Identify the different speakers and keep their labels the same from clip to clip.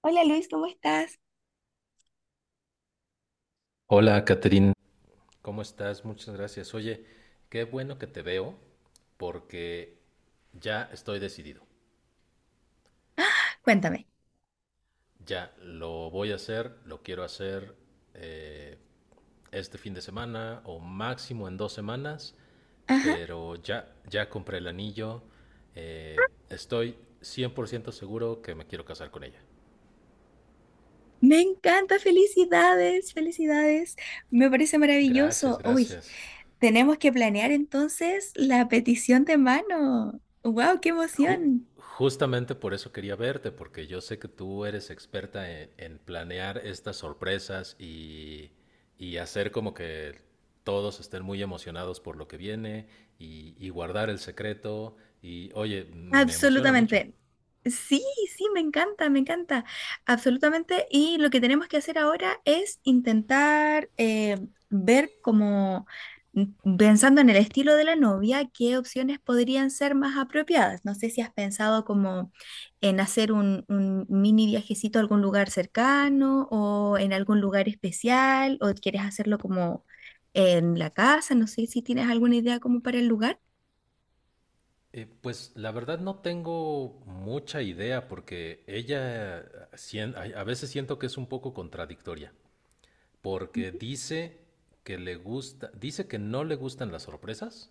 Speaker 1: Hola Luis, ¿cómo estás?
Speaker 2: Hola, Catherine. ¿Cómo estás? Muchas gracias. Oye, qué bueno que te veo porque ya estoy decidido.
Speaker 1: Cuéntame.
Speaker 2: Ya lo voy a hacer, lo quiero hacer eh, este fin de semana o máximo en dos semanas,
Speaker 1: Ajá.
Speaker 2: pero ya compré el anillo. Estoy 100% seguro que me quiero casar con ella.
Speaker 1: Me encanta, felicidades, felicidades. Me parece
Speaker 2: Gracias,
Speaker 1: maravilloso. Uy,
Speaker 2: gracias.
Speaker 1: tenemos que planear entonces la petición de mano. ¡Wow, qué
Speaker 2: Ju-
Speaker 1: emoción!
Speaker 2: Justamente por eso quería verte, porque yo sé que tú eres experta en planear estas sorpresas y hacer como que todos estén muy emocionados por lo que viene y guardar el secreto. Y oye, me emociona mucho.
Speaker 1: Absolutamente. Sí, sí, me encanta, me encanta. Absolutamente. Y lo que tenemos que hacer ahora es intentar ver como, pensando en el estilo de la novia, qué opciones podrían ser más apropiadas. No sé si has pensado como en hacer un mini viajecito a algún lugar cercano o en algún lugar especial o quieres hacerlo como en la casa. No sé si tienes alguna idea como para el lugar.
Speaker 2: Pues la verdad no tengo mucha idea porque ella a veces siento que es un poco contradictoria,
Speaker 1: Ujú.
Speaker 2: porque dice que le gusta, dice que no le gustan las sorpresas,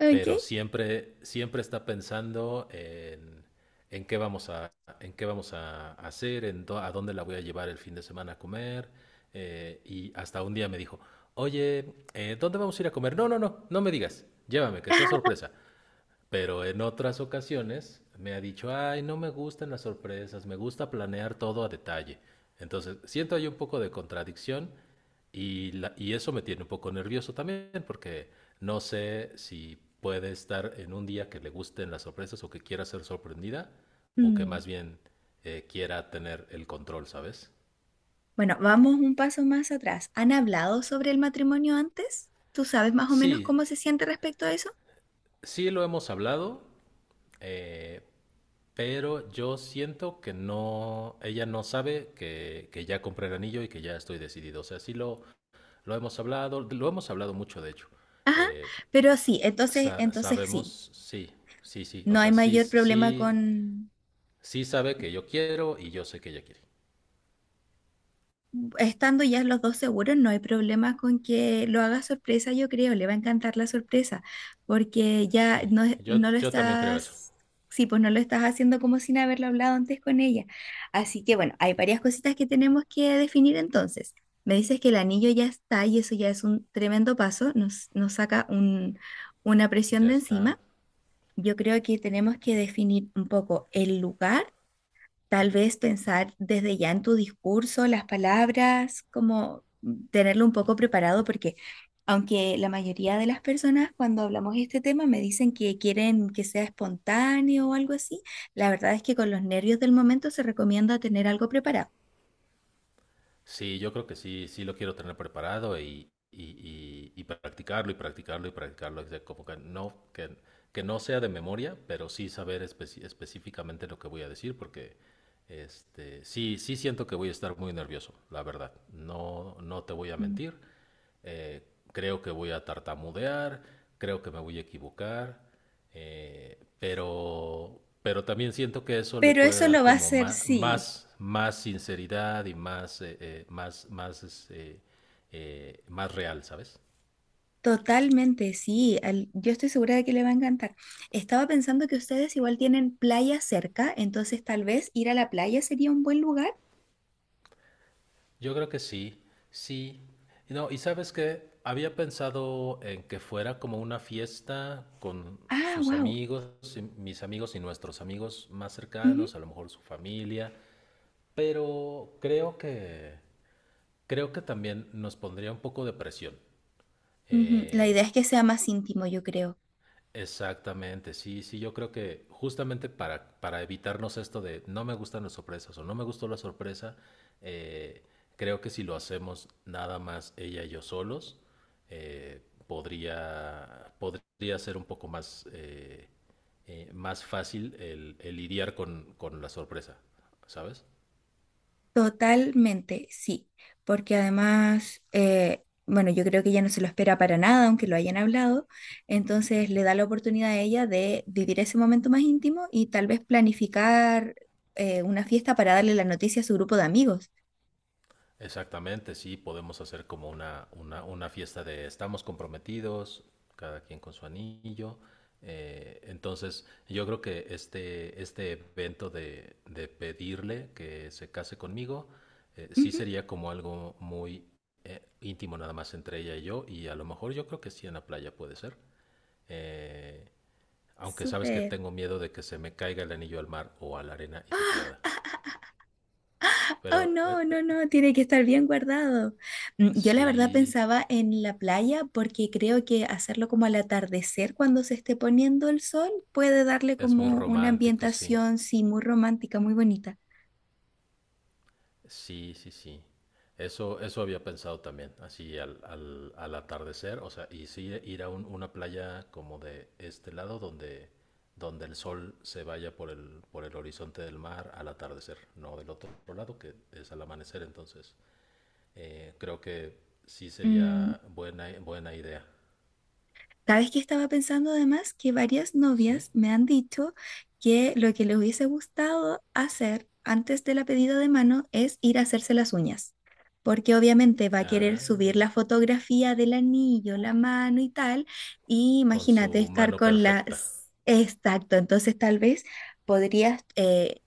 Speaker 1: Ok.
Speaker 2: pero siempre, siempre está pensando en qué en qué vamos a hacer, a dónde la voy a llevar el fin de semana a comer. Y hasta un día me dijo, oye, ¿dónde vamos a ir a comer? No, no, no, no me digas, llévame, que sea sorpresa. Pero en otras ocasiones me ha dicho, ay, no me gustan las sorpresas, me gusta planear todo a detalle. Entonces, siento ahí un poco de contradicción y eso me tiene un poco nervioso también porque no sé si puede estar en un día que le gusten las sorpresas o que quiera ser sorprendida o que
Speaker 1: Mm.
Speaker 2: más bien quiera tener el control, ¿sabes?
Speaker 1: Bueno, vamos un paso más atrás. ¿Han hablado sobre el matrimonio antes? ¿Tú sabes más o menos
Speaker 2: Sí,
Speaker 1: cómo se siente respecto a eso?
Speaker 2: sí lo hemos hablado, eh, pero yo siento que no, ella no sabe que ya compré el anillo y que ya estoy decidido. O sea, lo hemos hablado mucho, de hecho.
Speaker 1: Ajá,
Speaker 2: Eh,
Speaker 1: pero sí, entonces, entonces sí,
Speaker 2: Sabemos, sí, sí, sí. O
Speaker 1: no hay
Speaker 2: sea, sí,
Speaker 1: mayor problema
Speaker 2: sí,
Speaker 1: con.
Speaker 2: sí sabe que yo quiero y yo sé que ella quiere.
Speaker 1: Estando ya los dos seguros, no hay problema con que lo haga sorpresa, yo creo, le va a encantar la sorpresa, porque ya
Speaker 2: Sí,
Speaker 1: no, no lo
Speaker 2: yo también creo eso.
Speaker 1: estás, sí, pues no lo estás haciendo como sin haberlo hablado antes con ella. Así que bueno, hay varias cositas que tenemos que definir entonces. Me dices que el anillo ya está y eso ya es un tremendo paso, nos saca un, una presión
Speaker 2: Ya
Speaker 1: de
Speaker 2: está.
Speaker 1: encima. Yo creo que tenemos que definir un poco el lugar. Tal vez pensar desde ya en tu discurso, las palabras, como tenerlo un poco preparado, porque aunque la mayoría de las personas cuando hablamos de este tema me dicen que quieren que sea espontáneo o algo así, la verdad es que con los nervios del momento se recomienda tener algo preparado.
Speaker 2: Sí, yo creo que sí, sí lo quiero tener preparado y practicarlo y practicarlo y practicarlo. O sea, como que que no sea de memoria, pero sí saber específicamente lo que voy a decir, porque sí, sí siento que voy a estar muy nervioso, la verdad. No, no te voy a
Speaker 1: Mm.
Speaker 2: mentir. Eh, Creo que voy a tartamudear, creo que me voy a equivocar. Pero también siento que eso le
Speaker 1: Pero
Speaker 2: puede
Speaker 1: eso
Speaker 2: dar
Speaker 1: lo va a
Speaker 2: como
Speaker 1: hacer sí,
Speaker 2: más sinceridad y más, más real, ¿sabes?
Speaker 1: totalmente sí. Yo estoy segura de que le va a encantar. Estaba pensando que ustedes igual tienen playa cerca, entonces tal vez ir a la playa sería un buen lugar.
Speaker 2: Yo creo que sí, sí. No, y sabes que había pensado en que fuera como una fiesta con
Speaker 1: Ah,
Speaker 2: sus
Speaker 1: wow.
Speaker 2: amigos, y mis amigos y nuestros amigos más cercanos, a lo mejor su familia, pero creo que también nos pondría un poco de presión.
Speaker 1: Ujú, la idea
Speaker 2: Eh,
Speaker 1: es que sea más íntimo, yo creo.
Speaker 2: Exactamente, sí, sí, yo creo que justamente para evitarnos esto de no me gustan las sorpresas o no me gustó la sorpresa, eh, creo que si lo hacemos nada más ella y yo solos, eh, podría ser un poco más fácil el lidiar con la sorpresa, ¿sabes?
Speaker 1: Totalmente, sí. Porque además, bueno, yo creo que ella no se lo espera para nada, aunque lo hayan hablado. Entonces le da la oportunidad a ella de vivir ese momento más íntimo y tal vez planificar una fiesta para darle la noticia a su grupo de amigos.
Speaker 2: Exactamente, sí, podemos hacer como una fiesta de estamos comprometidos, cada quien con su anillo. Entonces, yo creo que este evento de pedirle que se case conmigo, sí
Speaker 1: Ujú.
Speaker 2: sería como algo muy íntimo nada más entre ella y yo, y a lo mejor yo creo que sí en la playa puede ser. Eh, Aunque sabes que
Speaker 1: Súper.
Speaker 2: tengo miedo de que se me caiga el anillo al mar o a la arena y se pierda.
Speaker 1: Oh,
Speaker 2: Pero
Speaker 1: no, no, no, tiene que estar bien guardado. Mm, yo la verdad
Speaker 2: sí.
Speaker 1: pensaba en la playa porque creo que hacerlo como al atardecer cuando se esté poniendo el sol puede darle
Speaker 2: Es muy
Speaker 1: como una
Speaker 2: romántico, sí.
Speaker 1: ambientación, sí, muy romántica, muy bonita.
Speaker 2: Sí, sí, sí. Eso había pensado también, así al atardecer, o sea, y sí ir a una playa como de este lado donde, donde el sol se vaya por el horizonte del mar al atardecer, no del otro lado que es al amanecer, entonces creo que sí
Speaker 1: Mm,
Speaker 2: sería buena, buena idea,
Speaker 1: sabes que estaba pensando además que varias
Speaker 2: ¿sí?
Speaker 1: novias me han dicho que lo que les hubiese gustado hacer antes de la pedida de mano es ir a hacerse las uñas, porque obviamente va a querer subir la
Speaker 2: Ah,
Speaker 1: fotografía del anillo, la mano y tal, y
Speaker 2: con
Speaker 1: imagínate
Speaker 2: su
Speaker 1: estar
Speaker 2: mano
Speaker 1: con
Speaker 2: perfecta.
Speaker 1: las... Exacto, entonces tal vez podrías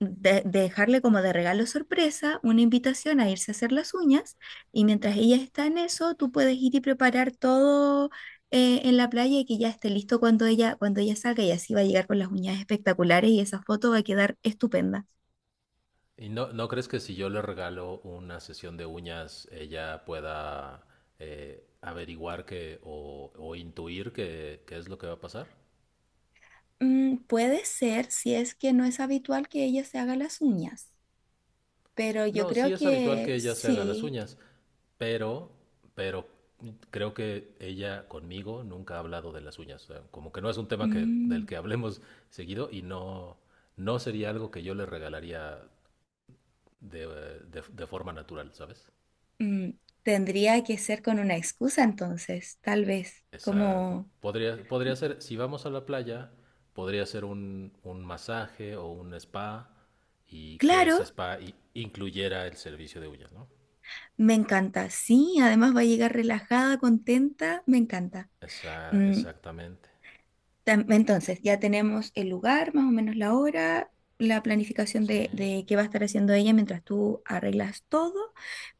Speaker 1: dejarle como de regalo sorpresa una invitación a irse a hacer las uñas y mientras ella está en eso, tú puedes ir y preparar todo en la playa y que ya esté listo cuando ella salga y así va a llegar con las uñas espectaculares y esa foto va a quedar estupenda.
Speaker 2: ¿Y no, no crees que si yo le regalo una sesión de uñas, ella pueda averiguar o intuir qué es lo que va a pasar?
Speaker 1: Mm, puede ser si es que no es habitual que ella se haga las uñas, pero yo
Speaker 2: No,
Speaker 1: creo
Speaker 2: sí es habitual
Speaker 1: que
Speaker 2: que ella se haga las
Speaker 1: sí.
Speaker 2: uñas, pero, pero creo que ella conmigo nunca ha hablado de las uñas. O sea, como que no es un tema que, del
Speaker 1: Mm,
Speaker 2: que hablemos seguido y no, no sería algo que yo le regalaría de, de forma natural, ¿sabes?
Speaker 1: mm, tendría que ser con una excusa entonces, tal vez,
Speaker 2: Exacto.
Speaker 1: como,
Speaker 2: Podría ser, si vamos a la playa, podría ser un masaje o un spa y que
Speaker 1: claro.
Speaker 2: ese spa incluyera el servicio de uñas, ¿no?
Speaker 1: Me encanta, sí, además va a llegar relajada, contenta, me encanta.
Speaker 2: Esa-
Speaker 1: Mm,
Speaker 2: exactamente.
Speaker 1: entonces, ya tenemos el lugar, más o menos la hora, la planificación
Speaker 2: Sí.
Speaker 1: de qué va a estar haciendo ella mientras tú arreglas todo.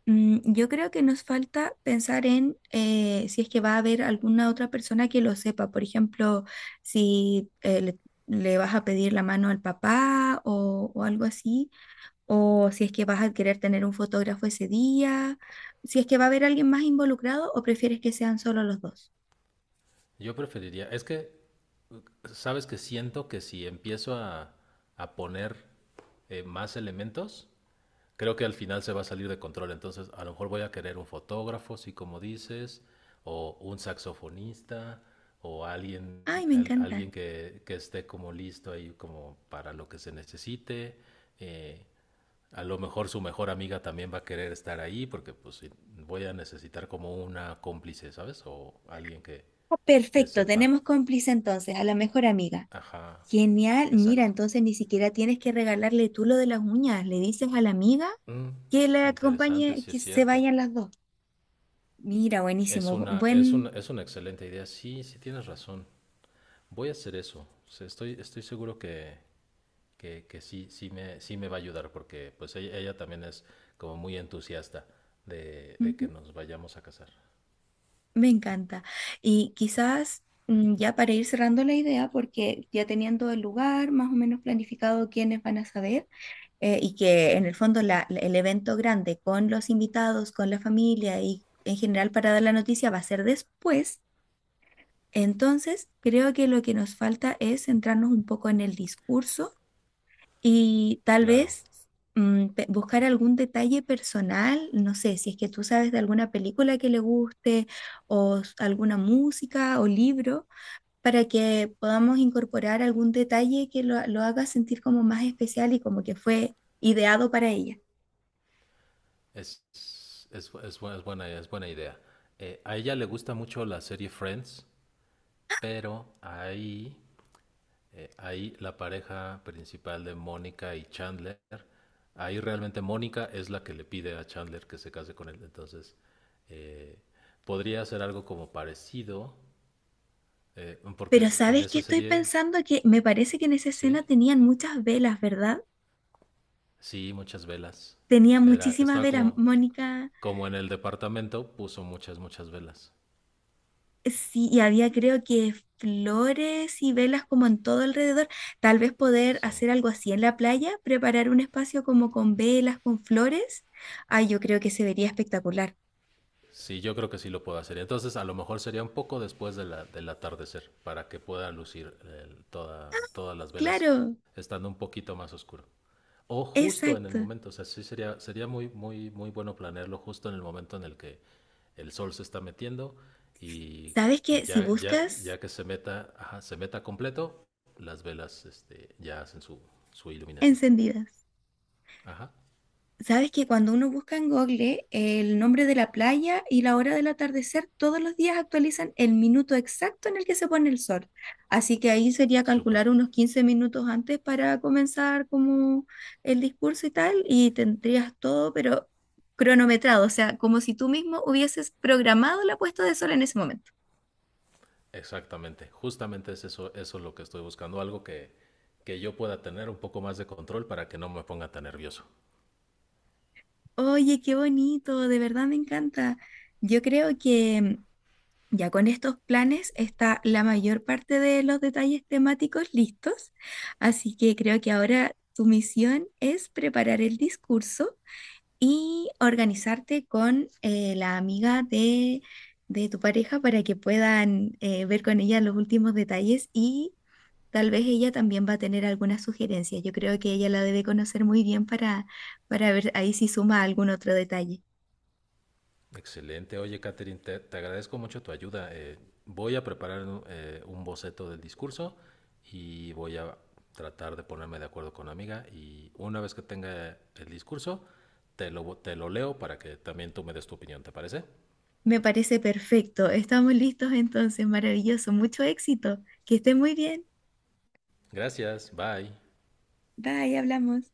Speaker 1: Mm, yo creo que nos falta pensar en si es que va a haber alguna otra persona que lo sepa, por ejemplo, si le vas a pedir la mano al papá o algo así o si es que vas a querer tener un fotógrafo ese día, si es que va a haber alguien más involucrado o prefieres que sean solo los dos.
Speaker 2: Yo preferiría, es que, sabes que siento que si a poner más elementos, creo que al final se va a salir de control, entonces a lo mejor voy a querer un fotógrafo, sí, como dices, o un saxofonista, o alguien,
Speaker 1: Ay, me encanta.
Speaker 2: alguien que esté como listo ahí como para lo que se necesite. Eh, a lo mejor su mejor amiga también va a querer estar ahí porque pues sí, voy a necesitar como una cómplice, ¿sabes? O alguien
Speaker 1: Ah,
Speaker 2: que
Speaker 1: perfecto,
Speaker 2: sepa.
Speaker 1: tenemos cómplice entonces, a la mejor amiga.
Speaker 2: Ajá,
Speaker 1: Genial, mira,
Speaker 2: exacto.
Speaker 1: entonces ni siquiera tienes que regalarle tú lo de las uñas, le dices a la amiga
Speaker 2: Mm,
Speaker 1: que la
Speaker 2: interesante,
Speaker 1: acompañe,
Speaker 2: sí
Speaker 1: que
Speaker 2: es
Speaker 1: se
Speaker 2: cierto.
Speaker 1: vayan las dos. Mira, buenísimo, buen,
Speaker 2: Es una excelente idea. Sí, sí tienes razón. Voy a hacer eso. O sea, estoy seguro que sí, sí me va a ayudar porque pues ella también es como muy entusiasta de que
Speaker 1: ujú,
Speaker 2: nos vayamos a casar.
Speaker 1: me encanta. Y quizás mm, ya para ir cerrando la idea, porque ya teniendo el lugar, más o menos planificado quiénes van a saber. Y
Speaker 2: Sí,
Speaker 1: que en el fondo el evento grande con los invitados, con la familia y en general para dar la noticia va a ser después, entonces creo que lo que nos falta es centrarnos un poco en el discurso y tal
Speaker 2: claro.
Speaker 1: vez mm, buscar algún detalle personal, no sé, si es que tú sabes de alguna película que le guste o alguna música o libro, para que podamos incorporar algún detalle que lo haga sentir como más especial y como que fue ideado para ella.
Speaker 2: Es, es es buena idea. A ella le gusta mucho la serie Friends, pero ahí ahí la pareja principal de Mónica y Chandler, ahí realmente Mónica es la que le pide a Chandler que se case con él. Entonces, eh, podría ser algo como parecido,
Speaker 1: Pero
Speaker 2: porque en
Speaker 1: ¿sabes qué
Speaker 2: esa
Speaker 1: estoy
Speaker 2: serie,
Speaker 1: pensando? Que me parece que en esa
Speaker 2: sí,
Speaker 1: escena tenían muchas velas, ¿verdad?
Speaker 2: sí, muchas velas.
Speaker 1: Tenía
Speaker 2: Era,
Speaker 1: muchísimas
Speaker 2: estaba
Speaker 1: velas,
Speaker 2: como,
Speaker 1: Mónica.
Speaker 2: como en el departamento, puso muchas, muchas velas.
Speaker 1: Sí, y había creo que flores y velas como en todo alrededor. Tal vez poder
Speaker 2: Sí.
Speaker 1: hacer algo así en la playa, preparar un espacio como con velas, con flores. Ay, yo creo que se vería espectacular.
Speaker 2: Sí, yo creo que sí lo puedo hacer. Entonces, a lo mejor sería un poco después del atardecer para que pueda lucir toda, todas las velas
Speaker 1: Claro,
Speaker 2: estando un poquito más oscuro. O justo en el
Speaker 1: exacto.
Speaker 2: momento, o sea, sería muy, muy, muy bueno planearlo justo en el momento en el que el sol se está metiendo y,
Speaker 1: ¿Sabes
Speaker 2: y
Speaker 1: qué? Si buscas
Speaker 2: ya que se meta, ajá, se meta completo, las velas, ya hacen su iluminación.
Speaker 1: encendidas.
Speaker 2: Ajá,
Speaker 1: Sabes que cuando uno busca en Google el nombre de la playa y la hora del atardecer, todos los días actualizan el minuto exacto en el que se pone el sol. Así que ahí sería
Speaker 2: súper.
Speaker 1: calcular unos 15 minutos antes para comenzar como el discurso y tal, y tendrías todo, pero cronometrado, o sea, como si tú mismo hubieses programado la puesta de sol en ese momento.
Speaker 2: Exactamente, justamente es eso, eso es lo que estoy buscando, algo que yo pueda tener un poco más de control para que no me ponga tan nervioso.
Speaker 1: Oye, qué bonito, de verdad me encanta. Yo creo que ya con estos planes está la mayor parte de los detalles temáticos listos, así que creo que ahora tu misión es preparar el discurso y organizarte con la amiga de tu pareja para que puedan ver con ella los últimos detalles y tal vez ella también va a tener algunas sugerencias. Yo creo que ella la debe conocer muy bien para ver ahí si suma algún otro detalle.
Speaker 2: Excelente, oye Catherine, te agradezco mucho tu ayuda. Voy a preparar un boceto del discurso y voy a tratar de ponerme de acuerdo con la amiga y una vez que tenga el discurso, te lo leo para que también tú me des tu opinión, ¿te parece?
Speaker 1: Me parece perfecto. Estamos listos entonces, maravilloso. Mucho éxito. Que esté muy bien.
Speaker 2: Gracias, bye.
Speaker 1: Bye, hablamos.